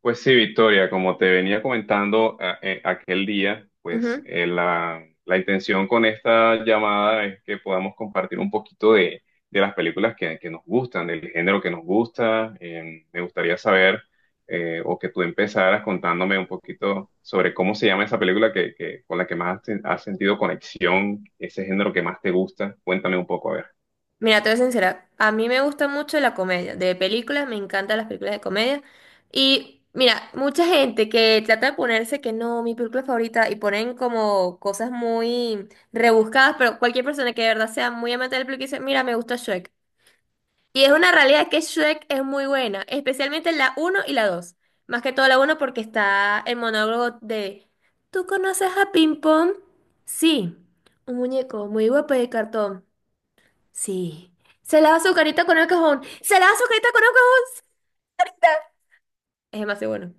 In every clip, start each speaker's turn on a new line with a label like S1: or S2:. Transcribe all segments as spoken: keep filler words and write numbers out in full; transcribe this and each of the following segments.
S1: Pues sí, Victoria, como te venía comentando a- eh, aquel día, pues
S2: Ujú.
S1: eh, la, la intención con esta llamada es que podamos compartir un poquito de, de las películas que, que nos gustan, del género que nos gusta. Eh, me gustaría saber eh, o que tú empezaras contándome un poquito sobre cómo se llama esa película que, que- con la que más has, ten- has sentido conexión, ese género que más te gusta. Cuéntame un poco, a ver.
S2: Mira, te voy a ser sincera, a mí me gusta mucho la comedia, de películas, me encantan las películas de comedia. Y mira, mucha gente que trata de ponerse que no, mi película favorita, y ponen como cosas muy rebuscadas, pero cualquier persona que de verdad sea muy amante del película dice, mira, me gusta Shrek. Y es una realidad que Shrek es muy buena, especialmente la uno y la dos. Más que todo la uno porque está el monólogo de, ¿tú conoces a Ping Pong? Sí, un muñeco muy guapo de cartón. Sí. Se lava su carita con el cajón. Se lava su carita con el cajón. Carita. Es demasiado bueno.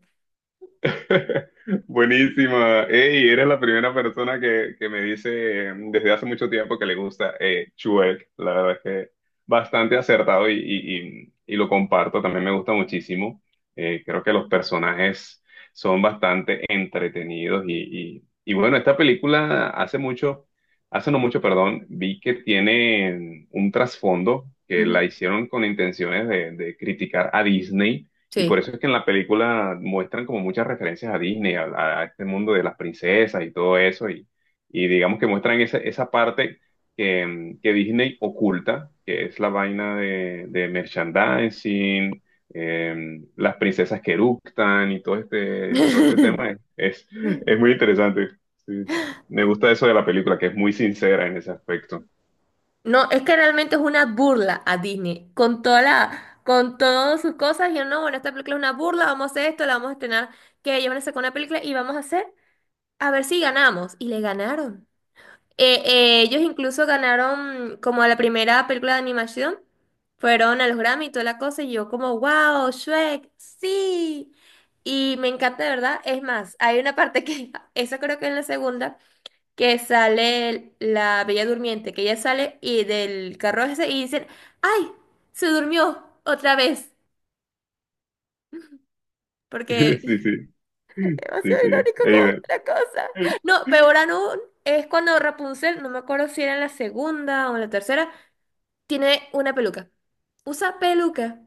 S1: Buenísima. Ey, eres la primera persona que, que me dice eh, desde hace mucho tiempo que le gusta eh, Shrek. La verdad es que bastante acertado y, y- y- y lo comparto. También me gusta muchísimo. Eh, creo que los personajes son bastante entretenidos y, y- y bueno, esta película hace mucho, hace no mucho, perdón, vi que tiene un trasfondo que la
S2: Ujú.
S1: hicieron con intenciones de de criticar a Disney, y
S2: Sí.
S1: por eso es que en la película muestran como muchas referencias a Disney, a, a este mundo de las princesas y todo eso, y, y digamos que muestran esa, esa parte que, mm, que Disney oculta, que es la vaina de, de merchandising, eh, las princesas que eructan y todo este, todo este tema es, es, es muy interesante. Sí. Me gusta eso de la película, que es muy sincera en ese aspecto.
S2: No, es que realmente es una burla a Disney. Con toda la, con todas sus cosas. Y yo, no, bueno, esta película es una burla. Vamos a hacer esto, la vamos a estrenar. Que ellos van a sacar una película y vamos a hacer. A ver si ganamos. Y le ganaron. Eh, eh, ellos incluso ganaron como la primera película de animación. Fueron a los Grammy y toda la cosa. Y yo como, wow, Shrek, sí. Y me encanta, de verdad. Es más, hay una parte que, esa creo que es la segunda, que sale la Bella Durmiente, que ella sale y del carro ese y dicen, ¡ay! Se durmió otra vez. Porque
S1: Sí, sí, sí,
S2: demasiado
S1: sí.
S2: irónico como
S1: Eider.
S2: otra cosa. No, peor aún es cuando Rapunzel, no me acuerdo si era en la segunda o en la tercera. Tiene una peluca. Usa peluca.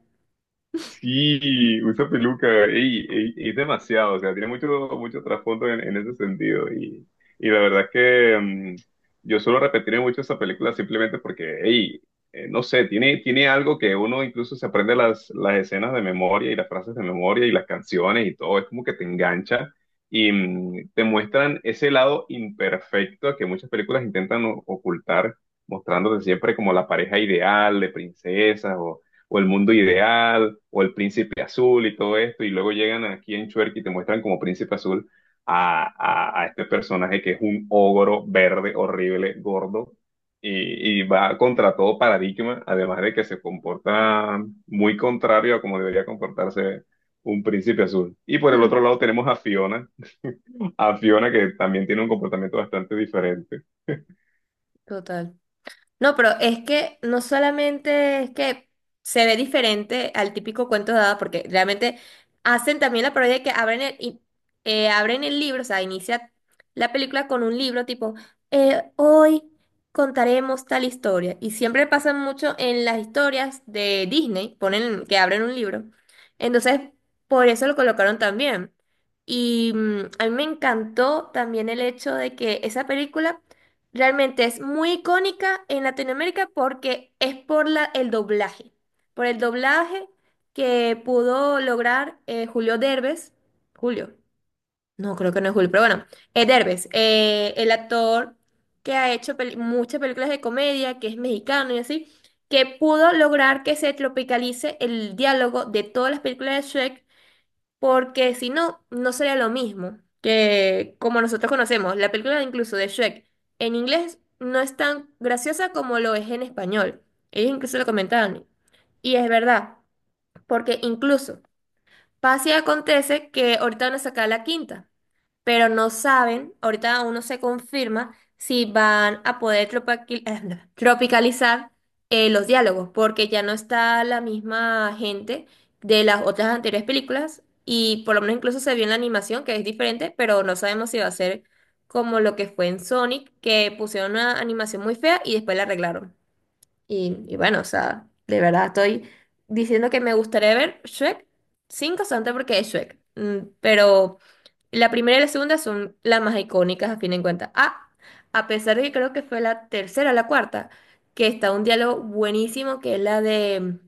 S1: Sí, usa peluca, ey, ey, es demasiado, o sea, tiene mucho, mucho trasfondo en, en ese sentido. Y, y la verdad es que mm, yo suelo repetir mucho esa película simplemente porque, ey, eh, no sé, tiene, tiene algo que uno incluso se aprende las, las escenas de memoria y las frases de memoria y las canciones y todo, es como que te engancha y mm, te muestran ese lado imperfecto que muchas películas intentan o- ocultar, mostrándote siempre como la pareja ideal de princesas o El Mundo Ideal, o El Príncipe Azul y todo esto, y luego llegan aquí en Chuerk y te muestran como Príncipe Azul a, a- a este personaje que es un ogro verde, horrible, gordo, y, y va contra todo paradigma, además de que se comporta muy contrario a como debería comportarse un Príncipe Azul. Y por el otro
S2: Mm,
S1: lado tenemos a Fiona, a Fiona que también tiene un comportamiento bastante diferente.
S2: total. No, pero es que no solamente es que se ve diferente al típico cuento de hadas, porque realmente hacen también la parodia de que abren el, y- eh, abren el libro, o sea, inicia la película con un libro tipo, eh, hoy contaremos tal historia. Y siempre pasa mucho en las historias de Disney, ponen que abren un libro. Entonces, por eso lo colocaron también. Y mm, a mí me encantó también el hecho de que esa película realmente es muy icónica en Latinoamérica porque es por la, el doblaje, por el doblaje que pudo lograr eh, Julio Derbez, Julio, no creo que no es Julio, pero bueno, eh, Derbez, eh, el actor que ha hecho peli- muchas películas de comedia, que es mexicano y así, que pudo lograr que se tropicalice el diálogo de todas las películas de Shrek, porque si no, no sería lo mismo que como nosotros conocemos. La película incluso de Shrek en inglés no es tan graciosa como lo es en español. Ellos incluso lo comentaban. Y es verdad, porque incluso pasa y acontece que ahorita van a sacar la quinta, pero no saben, ahorita aún no se confirma si van a poder tropaqui- eh, no, tropicalizar eh, los diálogos, porque ya no está la misma gente de las otras anteriores películas y por lo menos incluso se vio en la animación que es diferente, pero no sabemos si va a ser como lo que fue en Sonic, que pusieron una animación muy fea y después la arreglaron. Y, y bueno, o sea, de verdad estoy diciendo que me gustaría ver Shrek cinco solamente porque es Shrek. Mm, pero la primera y la segunda son las más icónicas a fin de cuentas. Ah, a pesar de que creo que fue la tercera o la cuarta, que está un diálogo buenísimo, que es la de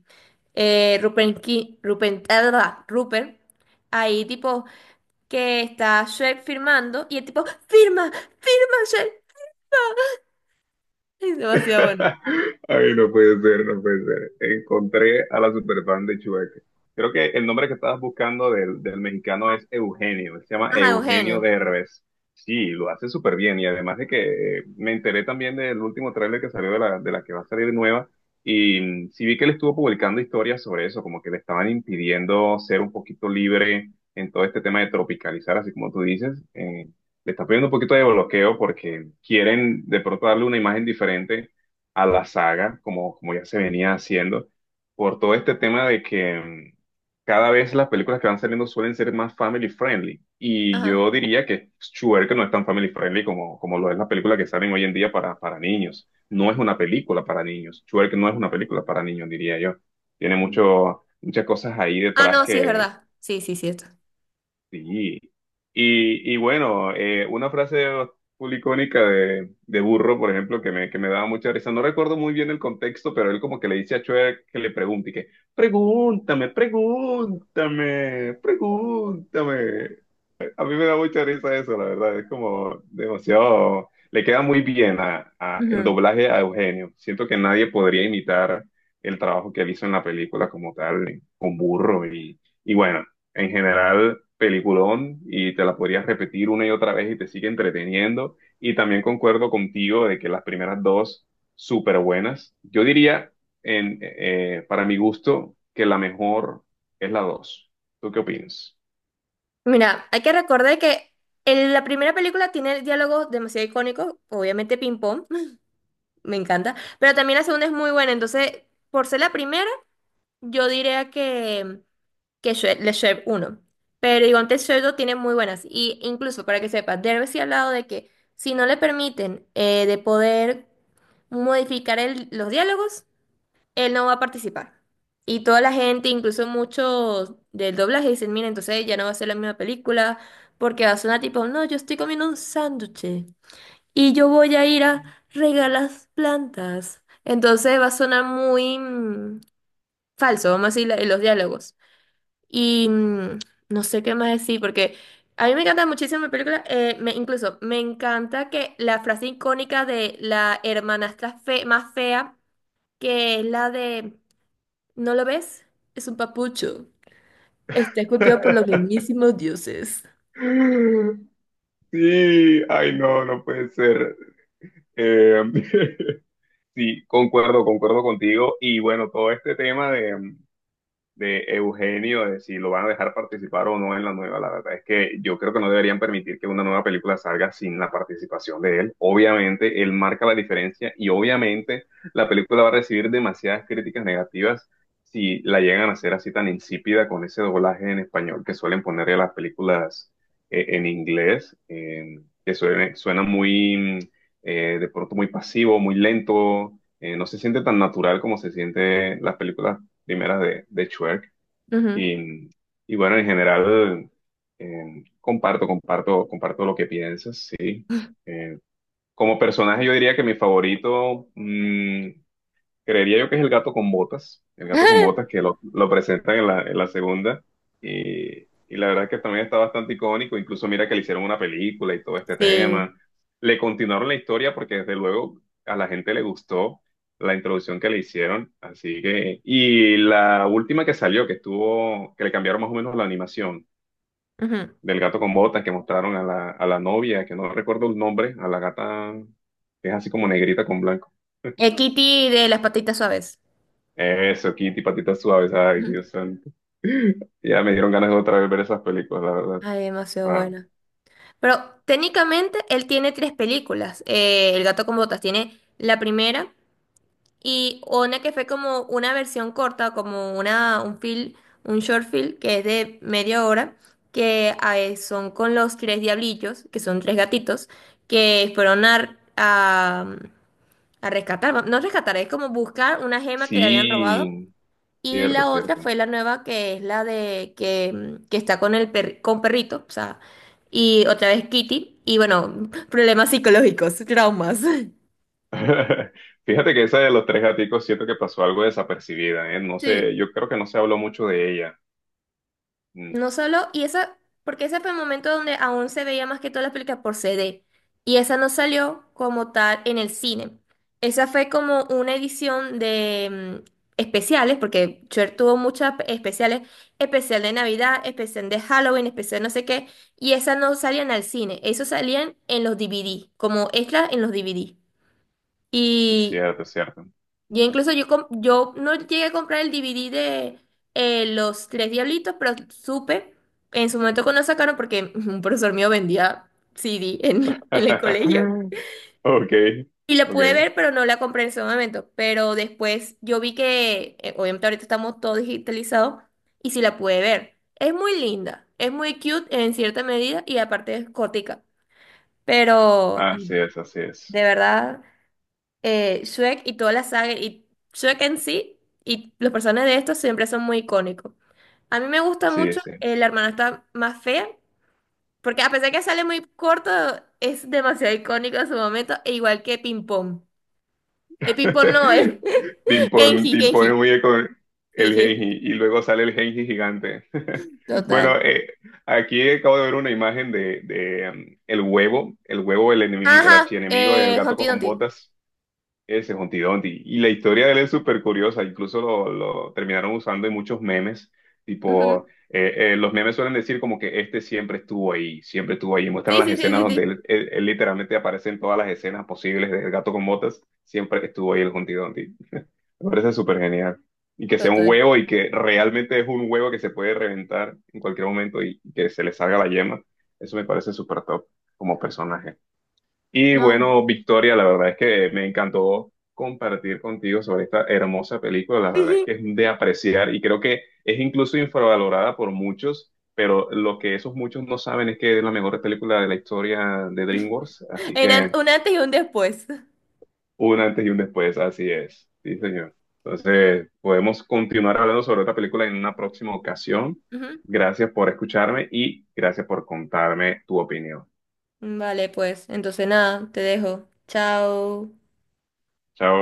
S2: eh, Rupert, Ki- Rupert, ah, ah, Rupert, ahí tipo que está Shrek firmando y el tipo, firma, firma Shrek. Es demasiado bueno.
S1: Ay, no puede ser, no puede ser. Encontré a la superfan de Chueca. Creo que el nombre que estabas buscando del, del mexicano es Eugenio. Se llama
S2: Ajá,
S1: Eugenio
S2: Eugenio.
S1: de Derbez. Sí, lo hace súper bien. Y además de que eh, me enteré también del último tráiler que salió de la, de la que va a salir nueva. Y mm, sí vi que él estuvo publicando historias sobre eso, como que le estaban impidiendo ser un poquito libre en todo este tema de tropicalizar, así como tú dices. Eh, le está pidiendo un poquito de bloqueo porque quieren de pronto darle una imagen diferente a la saga, como, como ya se venía haciendo, por todo este tema de que mm, cada vez las películas que van saliendo suelen ser más family friendly. Y
S2: Ajá.
S1: yo diría que Schuer, no es tan family friendly como, como lo es la película que salen hoy en día para, para niños. No es una película para niños. Schuer, no es una película para niños, diría yo. Tiene mucho, muchas cosas ahí
S2: Ah,
S1: detrás.
S2: no, sí, es verdad. Sí, sí, cierto.
S1: Sí. Y, y bueno, eh, una frase full icónica de, de Burro, por ejemplo, que me, que me daba mucha risa. No recuerdo muy bien el contexto, pero él como que le dice a Chuck que le pregunte, y que, pregúntame, pregúntame, pregúntame. A mí me da mucha risa eso, la verdad. Es como demasiado. Le queda muy bien a, a- el
S2: Ujú.
S1: doblaje a Eugenio. Siento que nadie podría imitar el trabajo que él hizo en la película como tal, eh, con Burro. Y, y bueno, en general, peliculón. Y te la podrías repetir una y otra vez y te sigue entreteniendo. Y también concuerdo contigo de que las primeras dos, súper buenas. Yo diría, en, eh, para mi gusto, que la mejor es la dos. ¿Tú qué opinas?
S2: Mira, hay que recordar que en la primera película tiene diálogos demasiado icónicos, obviamente ping. Me encanta. Pero también la segunda es muy buena. Entonces, por ser la primera, yo diría que, que Shre- Le Chef uno. Pero igual antes Shrek dos tiene muy buenas. Y incluso, para que sepas, Derbez sí ha hablado de que si no le permiten eh, de poder modificar el- los diálogos, él no va a participar. Y toda la gente, incluso muchos del doblaje, dicen, mira, entonces ya no va a ser la misma película, porque va a sonar tipo, no, yo estoy comiendo un sándwich y yo voy a ir a regalas plantas. Entonces va a sonar muy mm, falso, vamos a decir, la- los diálogos. Y mm, no sé qué más decir, porque a mí me encanta muchísimo la película, eh, me, incluso me encanta que la frase icónica de la hermanastra fe, más fea, que es la de, ¿no lo ves? Es un papucho. Está esculpido por los mismísimos dioses.
S1: Sí, ay, no, no puede ser. Eh, sí, concuerdo, concuerdo contigo. Y bueno, todo este tema de, em, de Eugenio, de si lo van a dejar participar o no en la nueva. La verdad es que yo creo que no deberían permitir que una nueva película salga sin la participación de él. Obviamente, él marca la diferencia y obviamente la película va a recibir demasiadas críticas negativas si la llegan a hacer así tan insípida con ese doblaje en español que suelen ponerle a las películas eh, en inglés, eh, que suena, suena muy, eh, de pronto muy pasivo, muy lento. Eh, no se siente tan natural como se siente las películas primeras de, de Schwerk.
S2: Ujú.
S1: Y, y bueno, en general, eh, comparto, comparto, comparto lo que piensas, sí. Eh, Como personaje, yo diría que mi favorito, mm, creería yo que es el gato con botas, el gato con botas que lo, lo presentan en la, en la segunda. Y, y la verdad que también está bastante icónico. Incluso mira que le hicieron una película y todo este
S2: Sí.
S1: tema. Le continuaron la historia porque desde luego a la gente le gustó la introducción que le hicieron. Así que, y la última que salió, que estuvo, que le cambiaron más o menos la animación
S2: Ujú.
S1: del gato con botas que mostraron a la, a la novia, que no recuerdo el nombre, a la gata que es así como negrita con blanco.
S2: Eh, Kitty de las patitas suaves.
S1: Eso, Kitty, patitas suaves, ay, Dios santo. Ya me dieron ganas de otra vez ver esas películas, la verdad.
S2: Ay, demasiado
S1: Ah,
S2: buena. Pero técnicamente él tiene tres películas. Eh, El gato con botas tiene la primera y una que fue como una versión corta, como una, un film, un short film que es de media hora, que ah, eh, son con los tres diablillos, que son tres gatitos, que fueron a, a, a rescatar, no rescatar, es como buscar una gema que le habían robado,
S1: sí,
S2: y
S1: cierto,
S2: la otra
S1: cierto.
S2: fue la nueva que es la de que, mm, que está con el per- con perrito, o sea, y otra vez Kitty, y bueno, problemas psicológicos, traumas.
S1: Fíjate que esa de los tres gaticos siento que pasó algo desapercibida, ¿eh? No
S2: Sí.
S1: sé, yo creo que no se habló mucho de ella. Mm,
S2: No solo, y esa, porque ese fue el momento donde aún se veía más que todas las películas por C D, y esa no salió como tal en el cine. Esa fue como una edición de mm, especiales, porque Cher tuvo muchas especiales, especial de Navidad, especial de Halloween, especial no sé qué, y esas no salían al cine, eso salían en los D V D, como extras en los D V D.
S1: es cierto, es cierto.
S2: Y incluso yo, com- yo no llegué a comprar el D V D de eh, Los Tres Diablitos, pero supe en su momento cuando lo sacaron, porque un profesor mío vendía C D en, en el colegio.
S1: Ok,
S2: Y la pude
S1: ok.
S2: ver, pero no la compré en ese momento. Pero después yo vi que, eh, obviamente ahorita estamos todos digitalizados, y sí la pude ver. Es muy linda, es muy cute en cierta medida, y aparte es gótica. Pero
S1: Así es, así es.
S2: de verdad eh, Shrek y toda la saga, y Shrek en sí, y los personajes de estos siempre son muy icónicos. A mí me gusta
S1: Sí,
S2: mucho
S1: sí.
S2: eh, La hermana está más fea, porque a pesar que sale muy corto, es demasiado icónico en su momento, e igual que Ping Pong. El Ping Pong no, es
S1: Te impone,
S2: Genji,
S1: te impone
S2: Genji.
S1: muy bien con
S2: Sí,
S1: el
S2: Genji.
S1: Genji y luego sale el Genji gigante.
S2: Total.
S1: Bueno, eh, aquí acabo de ver una imagen de, de, um, el huevo, el huevo, el enemigo, el
S2: Ajá,
S1: archienemigo del
S2: eh,
S1: gato
S2: Humpty
S1: con
S2: Dumpty.
S1: botas. Ese Humpty Dumpty. Y la historia de él es súper curiosa, incluso lo, lo terminaron usando en muchos memes, tipo,
S2: Ujú.
S1: eh, eh, los memes suelen decir como que este siempre estuvo ahí, siempre estuvo ahí, muestran
S2: Sí,
S1: las
S2: sí, sí,
S1: escenas
S2: sí,
S1: donde
S2: sí.
S1: él, él- él literalmente aparece en todas las escenas posibles del gato con botas, siempre estuvo ahí el Humpty Dumpty. Me parece súper genial. Y que sea un
S2: Total.
S1: huevo y que realmente es un huevo que se puede reventar en cualquier momento y que se le salga la yema, eso me parece súper top como personaje. Y
S2: No.
S1: bueno, Victoria, la verdad es que me encantó compartir contigo sobre esta hermosa película. La verdad es que es de apreciar y creo que es incluso infravalorada por muchos, pero lo que esos muchos no saben es que es la mejor película de la historia de DreamWorks. Así
S2: En an-
S1: que
S2: un antes y un después.
S1: un antes y un después, así es. Sí, señor. Entonces, podemos continuar hablando sobre esta película en una próxima ocasión.
S2: Ujú.
S1: Gracias por escucharme y gracias por contarme tu opinión.
S2: Vale, pues, entonces nada, te dejo. Chao.
S1: Chao.